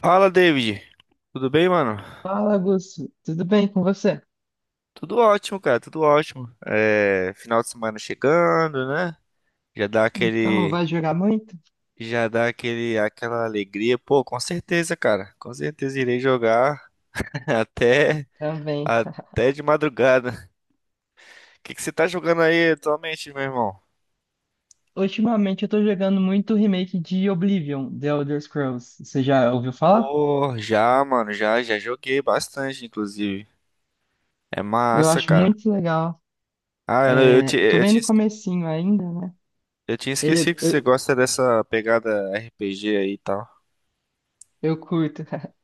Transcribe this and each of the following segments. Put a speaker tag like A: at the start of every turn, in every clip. A: Fala, David. Tudo bem, mano?
B: Fala, Augusto. Tudo bem com você?
A: Tudo ótimo, cara, tudo ótimo. É, final de semana chegando, né? Já dá
B: Então,
A: aquele,
B: vai jogar muito?
A: aquela alegria. Pô, com certeza, cara. Com certeza irei jogar até,
B: Também.
A: até de madrugada. O que que você tá jogando aí atualmente, meu irmão?
B: Ultimamente eu tô jogando muito o remake de Oblivion, The Elder Scrolls. Você já ouviu falar?
A: Pô, já, mano, já, já joguei bastante, inclusive. É
B: Eu
A: massa,
B: acho
A: cara.
B: muito legal.
A: Ah,
B: É, eu tô bem no comecinho ainda, né?
A: eu tinha esquecido
B: Ele,
A: que você
B: eu,
A: gosta dessa pegada RPG aí e tal.
B: eu curto.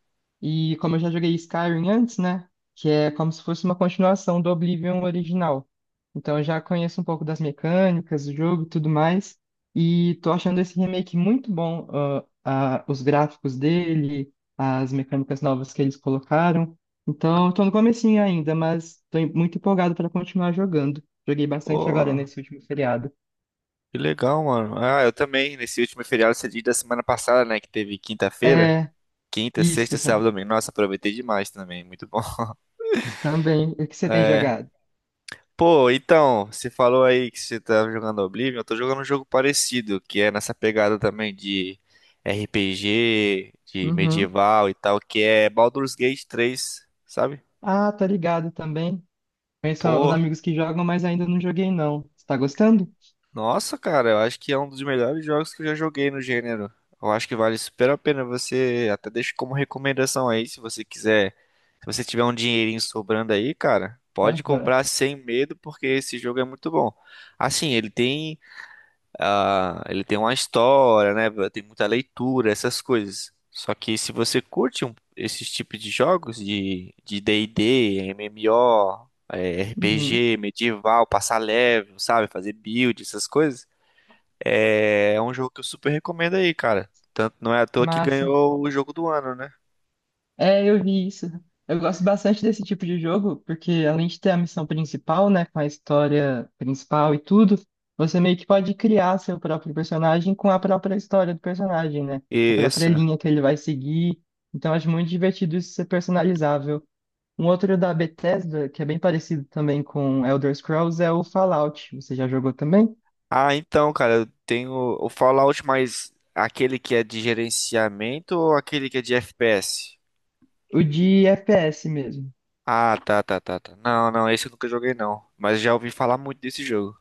B: E como eu já joguei Skyrim antes, né? Que é como se fosse uma continuação do Oblivion original. Então eu já conheço um pouco das mecânicas, do jogo e tudo mais. E tô achando esse remake muito bom. Os gráficos dele, as mecânicas novas que eles colocaram. Então eu tô no comecinho ainda, mas tô muito empolgado para continuar jogando. Joguei bastante agora
A: Pô,
B: nesse último feriado.
A: que legal, mano. Ah, eu também. Nesse último feriado cedido da semana passada, né? Que teve quinta-feira.
B: É,
A: Quinta,
B: isso,
A: sexta, sábado, domingo. Nossa, aproveitei demais também. Muito bom.
B: também. O que você tem
A: É.
B: jogado?
A: Pô, então, você falou aí que você tava jogando Oblivion. Eu tô jogando um jogo parecido, que é nessa pegada também de RPG, de
B: Uhum.
A: medieval e tal, que é Baldur's Gate 3, sabe?
B: Ah, tá ligado também. Conheço uns
A: Pô,
B: amigos que jogam, mas ainda não joguei, não. Você tá gostando?
A: nossa, cara, eu acho que é um dos melhores jogos que eu já joguei no gênero. Eu acho que vale super a pena você, até deixo como recomendação aí, se você quiser, se você tiver um dinheirinho sobrando aí, cara, pode
B: Aham.
A: comprar sem medo, porque esse jogo é muito bom. Assim, ele tem, ah, ele tem uma história, né? Tem muita leitura, essas coisas. Só que se você curte um- esses tipos de jogos de D&D, MMO,
B: Uhum.
A: RPG, medieval, passar level, sabe, fazer build, essas coisas é, é um jogo que eu super recomendo aí, cara. Tanto não é à toa que
B: Massa.
A: ganhou o jogo do ano, né?
B: É, eu vi isso. Eu gosto bastante desse tipo de jogo, porque além de ter a missão principal, né, com a história principal e tudo, você meio que pode criar seu próprio personagem com a própria história do personagem, né? A própria
A: Isso.
B: linha que ele vai seguir. Então, acho muito divertido isso ser personalizável. Um outro da Bethesda, que é bem parecido também com Elder Scrolls, é o Fallout. Você já jogou também?
A: Ah, então, cara, eu tenho o Fallout, mas aquele que é de gerenciamento ou aquele que é de FPS?
B: O de FPS mesmo.
A: Ah, tá, tá, tá, tá. Não, não, esse eu nunca joguei não, mas já ouvi falar muito desse jogo.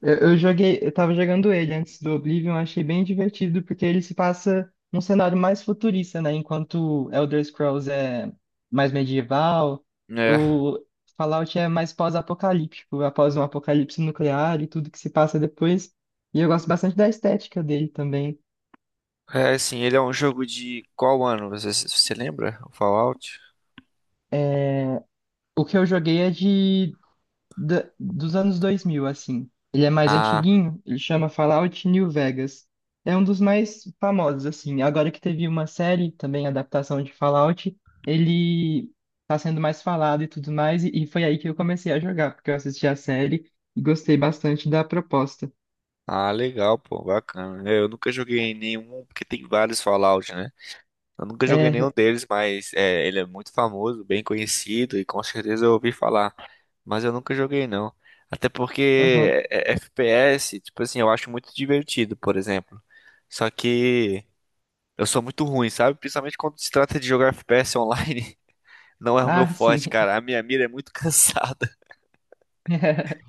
B: Eu joguei, eu tava jogando ele antes do Oblivion, achei bem divertido, porque ele se passa num cenário mais futurista, né? Enquanto Elder Scrolls é mais medieval,
A: É.
B: o Fallout é mais pós-apocalíptico, após um apocalipse nuclear e tudo que se passa depois. E eu gosto bastante da estética dele também.
A: É, assim, ele é um jogo de qual ano? Você, você lembra? O Fallout?
B: O que eu joguei é dos anos 2000 assim. Ele é mais
A: Ah,
B: antiguinho, ele chama Fallout New Vegas. É um dos mais famosos, assim. Agora que teve uma série, também adaptação de Fallout, ele tá sendo mais falado e tudo mais, e foi aí que eu comecei a jogar, porque eu assisti a série e gostei bastante da proposta.
A: ah, legal, pô, bacana. É, eu nunca joguei nenhum, porque tem vários Fallout, né? Eu nunca joguei nenhum
B: É,
A: deles, mas é, ele é muito famoso, bem conhecido e com certeza eu ouvi falar. Mas eu nunca joguei não. Até porque
B: aham.
A: FPS, tipo assim, eu acho muito divertido, por exemplo. Só que eu sou muito ruim, sabe? Principalmente quando se trata de jogar FPS online, não é o meu
B: Ah, sim.
A: forte, cara. A minha mira é muito cansada.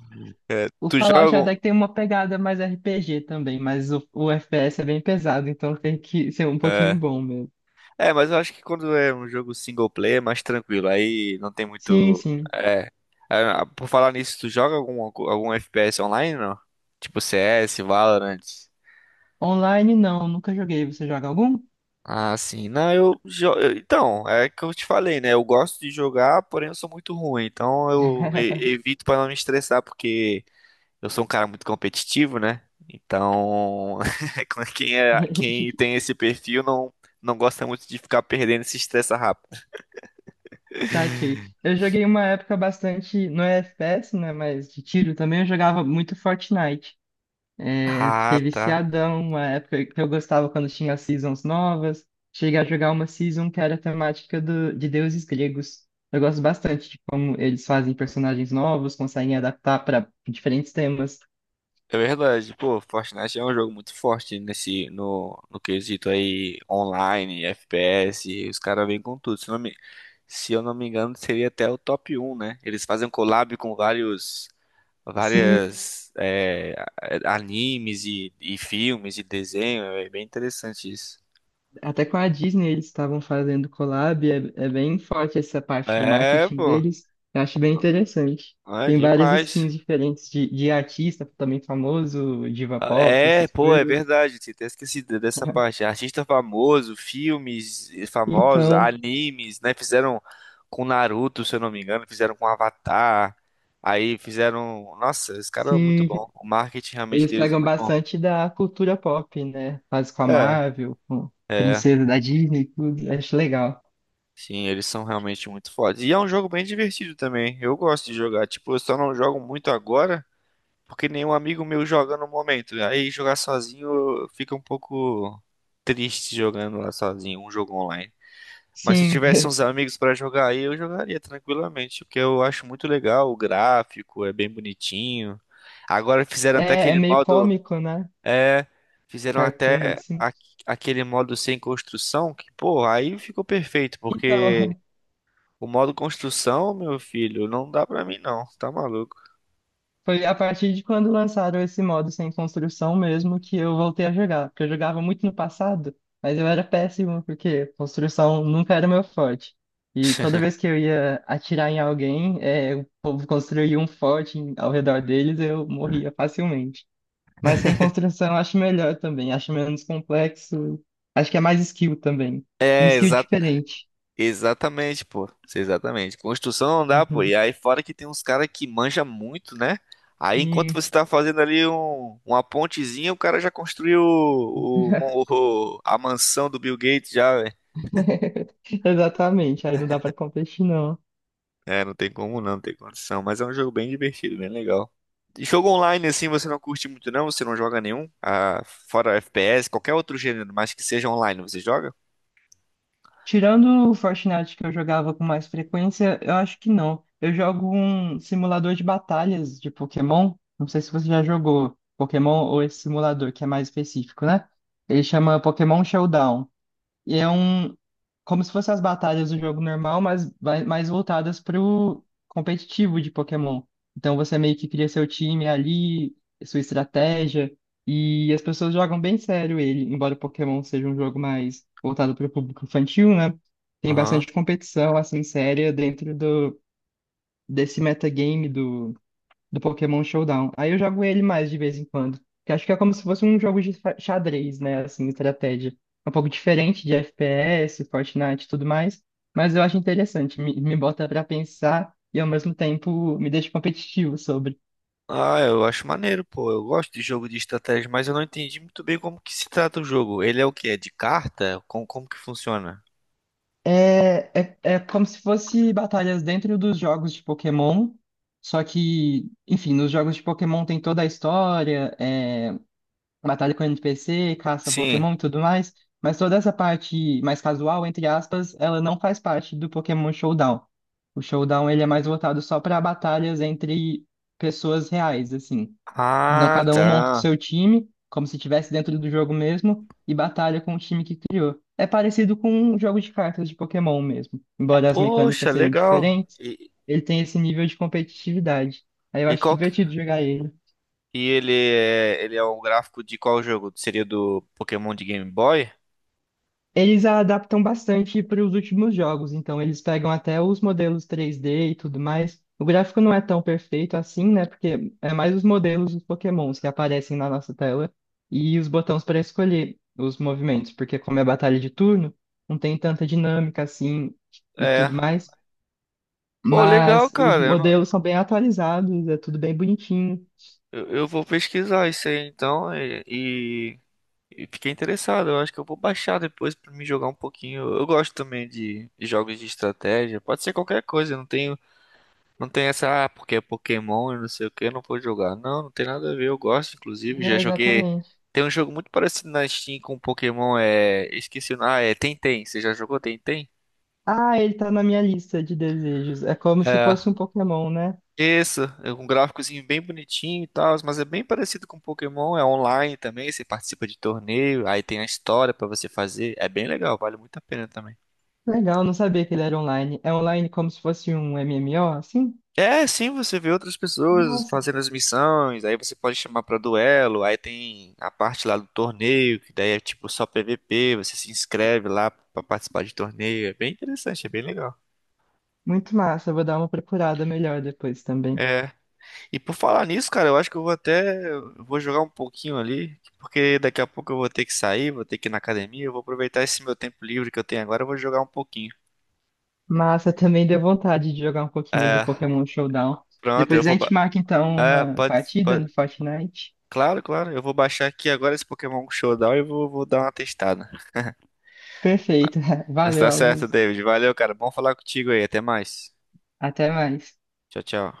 B: O
A: Tu joga?
B: Fallout até que
A: Algum-
B: tem uma pegada mais RPG também, mas o FPS é bem pesado, então tem que ser um pouquinho
A: É.
B: bom mesmo.
A: É, mas eu acho que quando é um jogo single player é mais tranquilo, aí não tem
B: Sim,
A: muito.
B: sim.
A: É. É, por falar nisso, tu joga algum FPS online, não? Tipo CS, Valorant.
B: Online não, nunca joguei. Você joga algum?
A: Ah, sim. Não, então, é que eu te falei, né? Eu gosto de jogar, porém eu sou muito ruim. Então evito pra não me estressar, porque eu sou um cara muito competitivo, né? Então, quem tem esse perfil não, não gosta muito de ficar perdendo e se estressa rápido.
B: Saquei. Eu joguei uma época bastante, não é FPS, né, mas de tiro também, eu jogava muito Fortnite. É,
A: Ah,
B: fiquei
A: tá.
B: viciadão, uma época que eu gostava quando tinha seasons novas. Cheguei a jogar uma season que era a temática do, de deuses gregos. Eu gosto bastante de como eles fazem personagens novos, conseguem adaptar para diferentes temas.
A: É verdade, pô, Fortnite é um jogo muito forte nesse, no, no quesito aí online, FPS, os caras vêm com tudo. Se eu não me engano, seria até o top um, né? Eles fazem um collab com vários,
B: Sim,
A: várias é, animes e filmes e desenho, é bem interessante isso.
B: até com a Disney eles estavam fazendo collab, é bem forte essa parte do
A: É,
B: marketing
A: pô,
B: deles. Eu acho bem
A: não-
B: interessante.
A: é
B: Tem várias skins
A: demais.
B: diferentes de artista também famoso, diva
A: Ah,
B: pop,
A: é,
B: essas
A: pô, é
B: coisas.
A: verdade, tinha até esquecido dessa parte. Artista famoso, filmes famosos,
B: Então,
A: animes, né? Fizeram com Naruto, se eu não me engano, fizeram com Avatar. Aí fizeram. Nossa, esse cara é muito
B: sim,
A: bom. O marketing realmente
B: eles
A: deles é
B: pegam
A: muito bom.
B: bastante da cultura pop, né? Faz com a
A: É,
B: Marvel, com
A: é.
B: princesa da Disney, e tudo. Acho legal.
A: Sim, eles são realmente muito fodas. E é um jogo bem divertido também. Eu gosto de jogar. Tipo, eu só não jogo muito agora, porque nenhum amigo meu joga no momento. Aí jogar sozinho fica um pouco triste jogando lá sozinho, um jogo online. Mas se
B: Sim,
A: tivesse uns amigos pra jogar aí, eu jogaria tranquilamente, porque eu acho muito legal o gráfico, é bem bonitinho. Agora fizeram até
B: é
A: aquele
B: meio
A: modo,
B: cômico, né?
A: é, fizeram
B: Cartoon,
A: até
B: assim.
A: a- aquele modo sem construção, que, pô, aí ficou perfeito,
B: Então,
A: porque o modo construção, meu filho, não dá pra mim não, tá maluco.
B: foi a partir de quando lançaram esse modo sem construção mesmo que eu voltei a jogar. Porque eu jogava muito no passado, mas eu era péssimo porque construção nunca era meu forte. E toda vez que eu ia atirar em alguém, é, o povo construía um forte ao redor deles, eu morria facilmente. Mas sem construção eu acho melhor também, acho menos complexo, acho que é mais skill também. Um
A: É,
B: skill diferente.
A: exatamente, pô. Isso, exatamente. Construção não dá, pô. E aí, fora que tem uns caras que manja muito, né? Aí, enquanto
B: E...
A: você tá fazendo ali uma pontezinha, o cara já construiu a mansão do Bill Gates já, velho.
B: Exatamente, aí não dá pra competir, não.
A: É, não tem como não, não tem condição. Mas é um jogo bem divertido, bem legal. E jogo online, assim, você não curte muito, não? Você não joga nenhum? Ah, fora FPS, qualquer outro gênero, mas que seja online, você joga?
B: Tirando o Fortnite que eu jogava com mais frequência, eu acho que não. Eu jogo um simulador de batalhas de Pokémon. Não sei se você já jogou Pokémon ou esse simulador que é mais específico, né? Ele chama Pokémon Showdown. E é um. Como se fossem as batalhas do jogo normal, mas mais voltadas pro competitivo de Pokémon. Então você meio que cria seu time ali, sua estratégia, e as pessoas jogam bem sério ele, embora o Pokémon seja um jogo mais voltado para o público infantil, né? Tem
A: Aham.
B: bastante competição, assim, séria dentro do, desse metagame do Pokémon Showdown. Aí eu jogo ele mais de vez em quando. Que acho que é como se fosse um jogo de xadrez, né? Assim, estratégia. É um pouco diferente de FPS, Fortnite e tudo mais. Mas eu acho interessante. Me bota pra pensar e ao mesmo tempo me deixa competitivo sobre.
A: Ah, eu acho maneiro, pô. Eu gosto de jogo de estratégia, mas eu não entendi muito bem como que se trata o jogo. Ele é o quê? É de carta? Como que funciona?
B: É como se fosse batalhas dentro dos jogos de Pokémon. Só que, enfim, nos jogos de Pokémon tem toda a história, é, batalha com NPC, caça
A: Sim.
B: Pokémon e tudo mais, mas toda essa parte mais casual, entre aspas, ela não faz parte do Pokémon Showdown. O Showdown ele é mais voltado só para batalhas entre pessoas reais, assim. Então
A: Ah,
B: cada um monta o
A: tá.
B: seu time, como se estivesse dentro do jogo mesmo, e batalha com o time que criou. É parecido com um jogo de cartas de Pokémon mesmo, embora as
A: Poxa,
B: mecânicas sejam
A: legal.
B: diferentes, ele tem esse nível de competitividade. Aí eu
A: E
B: acho
A: qual que...
B: divertido jogar ele.
A: E ele é um gráfico de qual jogo? Seria do Pokémon de Game Boy?
B: Eles adaptam bastante para os últimos jogos, então eles pegam até os modelos 3D e tudo mais. O gráfico não é tão perfeito assim, né? Porque é mais os modelos dos Pokémons que aparecem na nossa tela e os botões para escolher os movimentos, porque como é batalha de turno, não tem tanta dinâmica assim e
A: É.
B: tudo mais.
A: Pô, legal,
B: Mas os
A: cara. Eu, não-
B: modelos são bem atualizados, é tudo bem bonitinho.
A: Eu vou pesquisar isso aí então. E, e fiquei interessado, eu acho que eu vou baixar depois pra me jogar um pouquinho. Eu gosto também de jogos de estratégia, pode ser qualquer coisa, eu não tenho, não tem essa, ah, porque é Pokémon e não sei o que, eu não vou jogar. Não, não tem nada a ver, eu gosto, inclusive, já
B: É,
A: joguei.
B: exatamente.
A: Tem um jogo muito parecido na Steam com Pokémon, é. Esqueci o nome, ah, é Tenten, você já jogou Tenten?
B: Ah, ele tá na minha lista de desejos. É como se
A: É.
B: fosse um Pokémon, né?
A: Isso, é um gráficozinho bem bonitinho e tal, mas é bem parecido com Pokémon, é online também, você participa de torneio, aí tem a história pra você fazer, é bem legal, vale muito a pena também.
B: Legal, não sabia que ele era online. É online como se fosse um MMO, assim?
A: É, sim, você vê outras pessoas
B: Nossa,
A: fazendo as missões, aí você pode chamar pra duelo, aí tem a parte lá do torneio, que daí é tipo só PVP, você se inscreve lá pra participar de torneio, é bem interessante, é bem legal.
B: muito massa. Eu vou dar uma procurada melhor depois também.
A: É, e por falar nisso, cara, eu acho que eu vou até, eu vou jogar um pouquinho ali, porque daqui a pouco eu vou ter que sair, vou ter que ir na academia, eu vou aproveitar esse meu tempo livre que eu tenho agora, eu vou jogar um pouquinho.
B: Massa, também deu vontade de jogar um pouquinho do
A: É,
B: Pokémon Showdown.
A: pronto, eu
B: Depois a
A: vou, ba-
B: gente marca então
A: é,
B: uma
A: pode,
B: partida
A: pode,
B: no Fortnite.
A: claro, claro, eu vou baixar aqui agora esse Pokémon Showdown e vou, vou dar uma testada.
B: Perfeito.
A: Mas tá
B: Valeu,
A: certo,
B: Augusto.
A: David. Valeu, cara. Bom falar contigo aí. Até mais.
B: Até mais.
A: Tchau, tchau.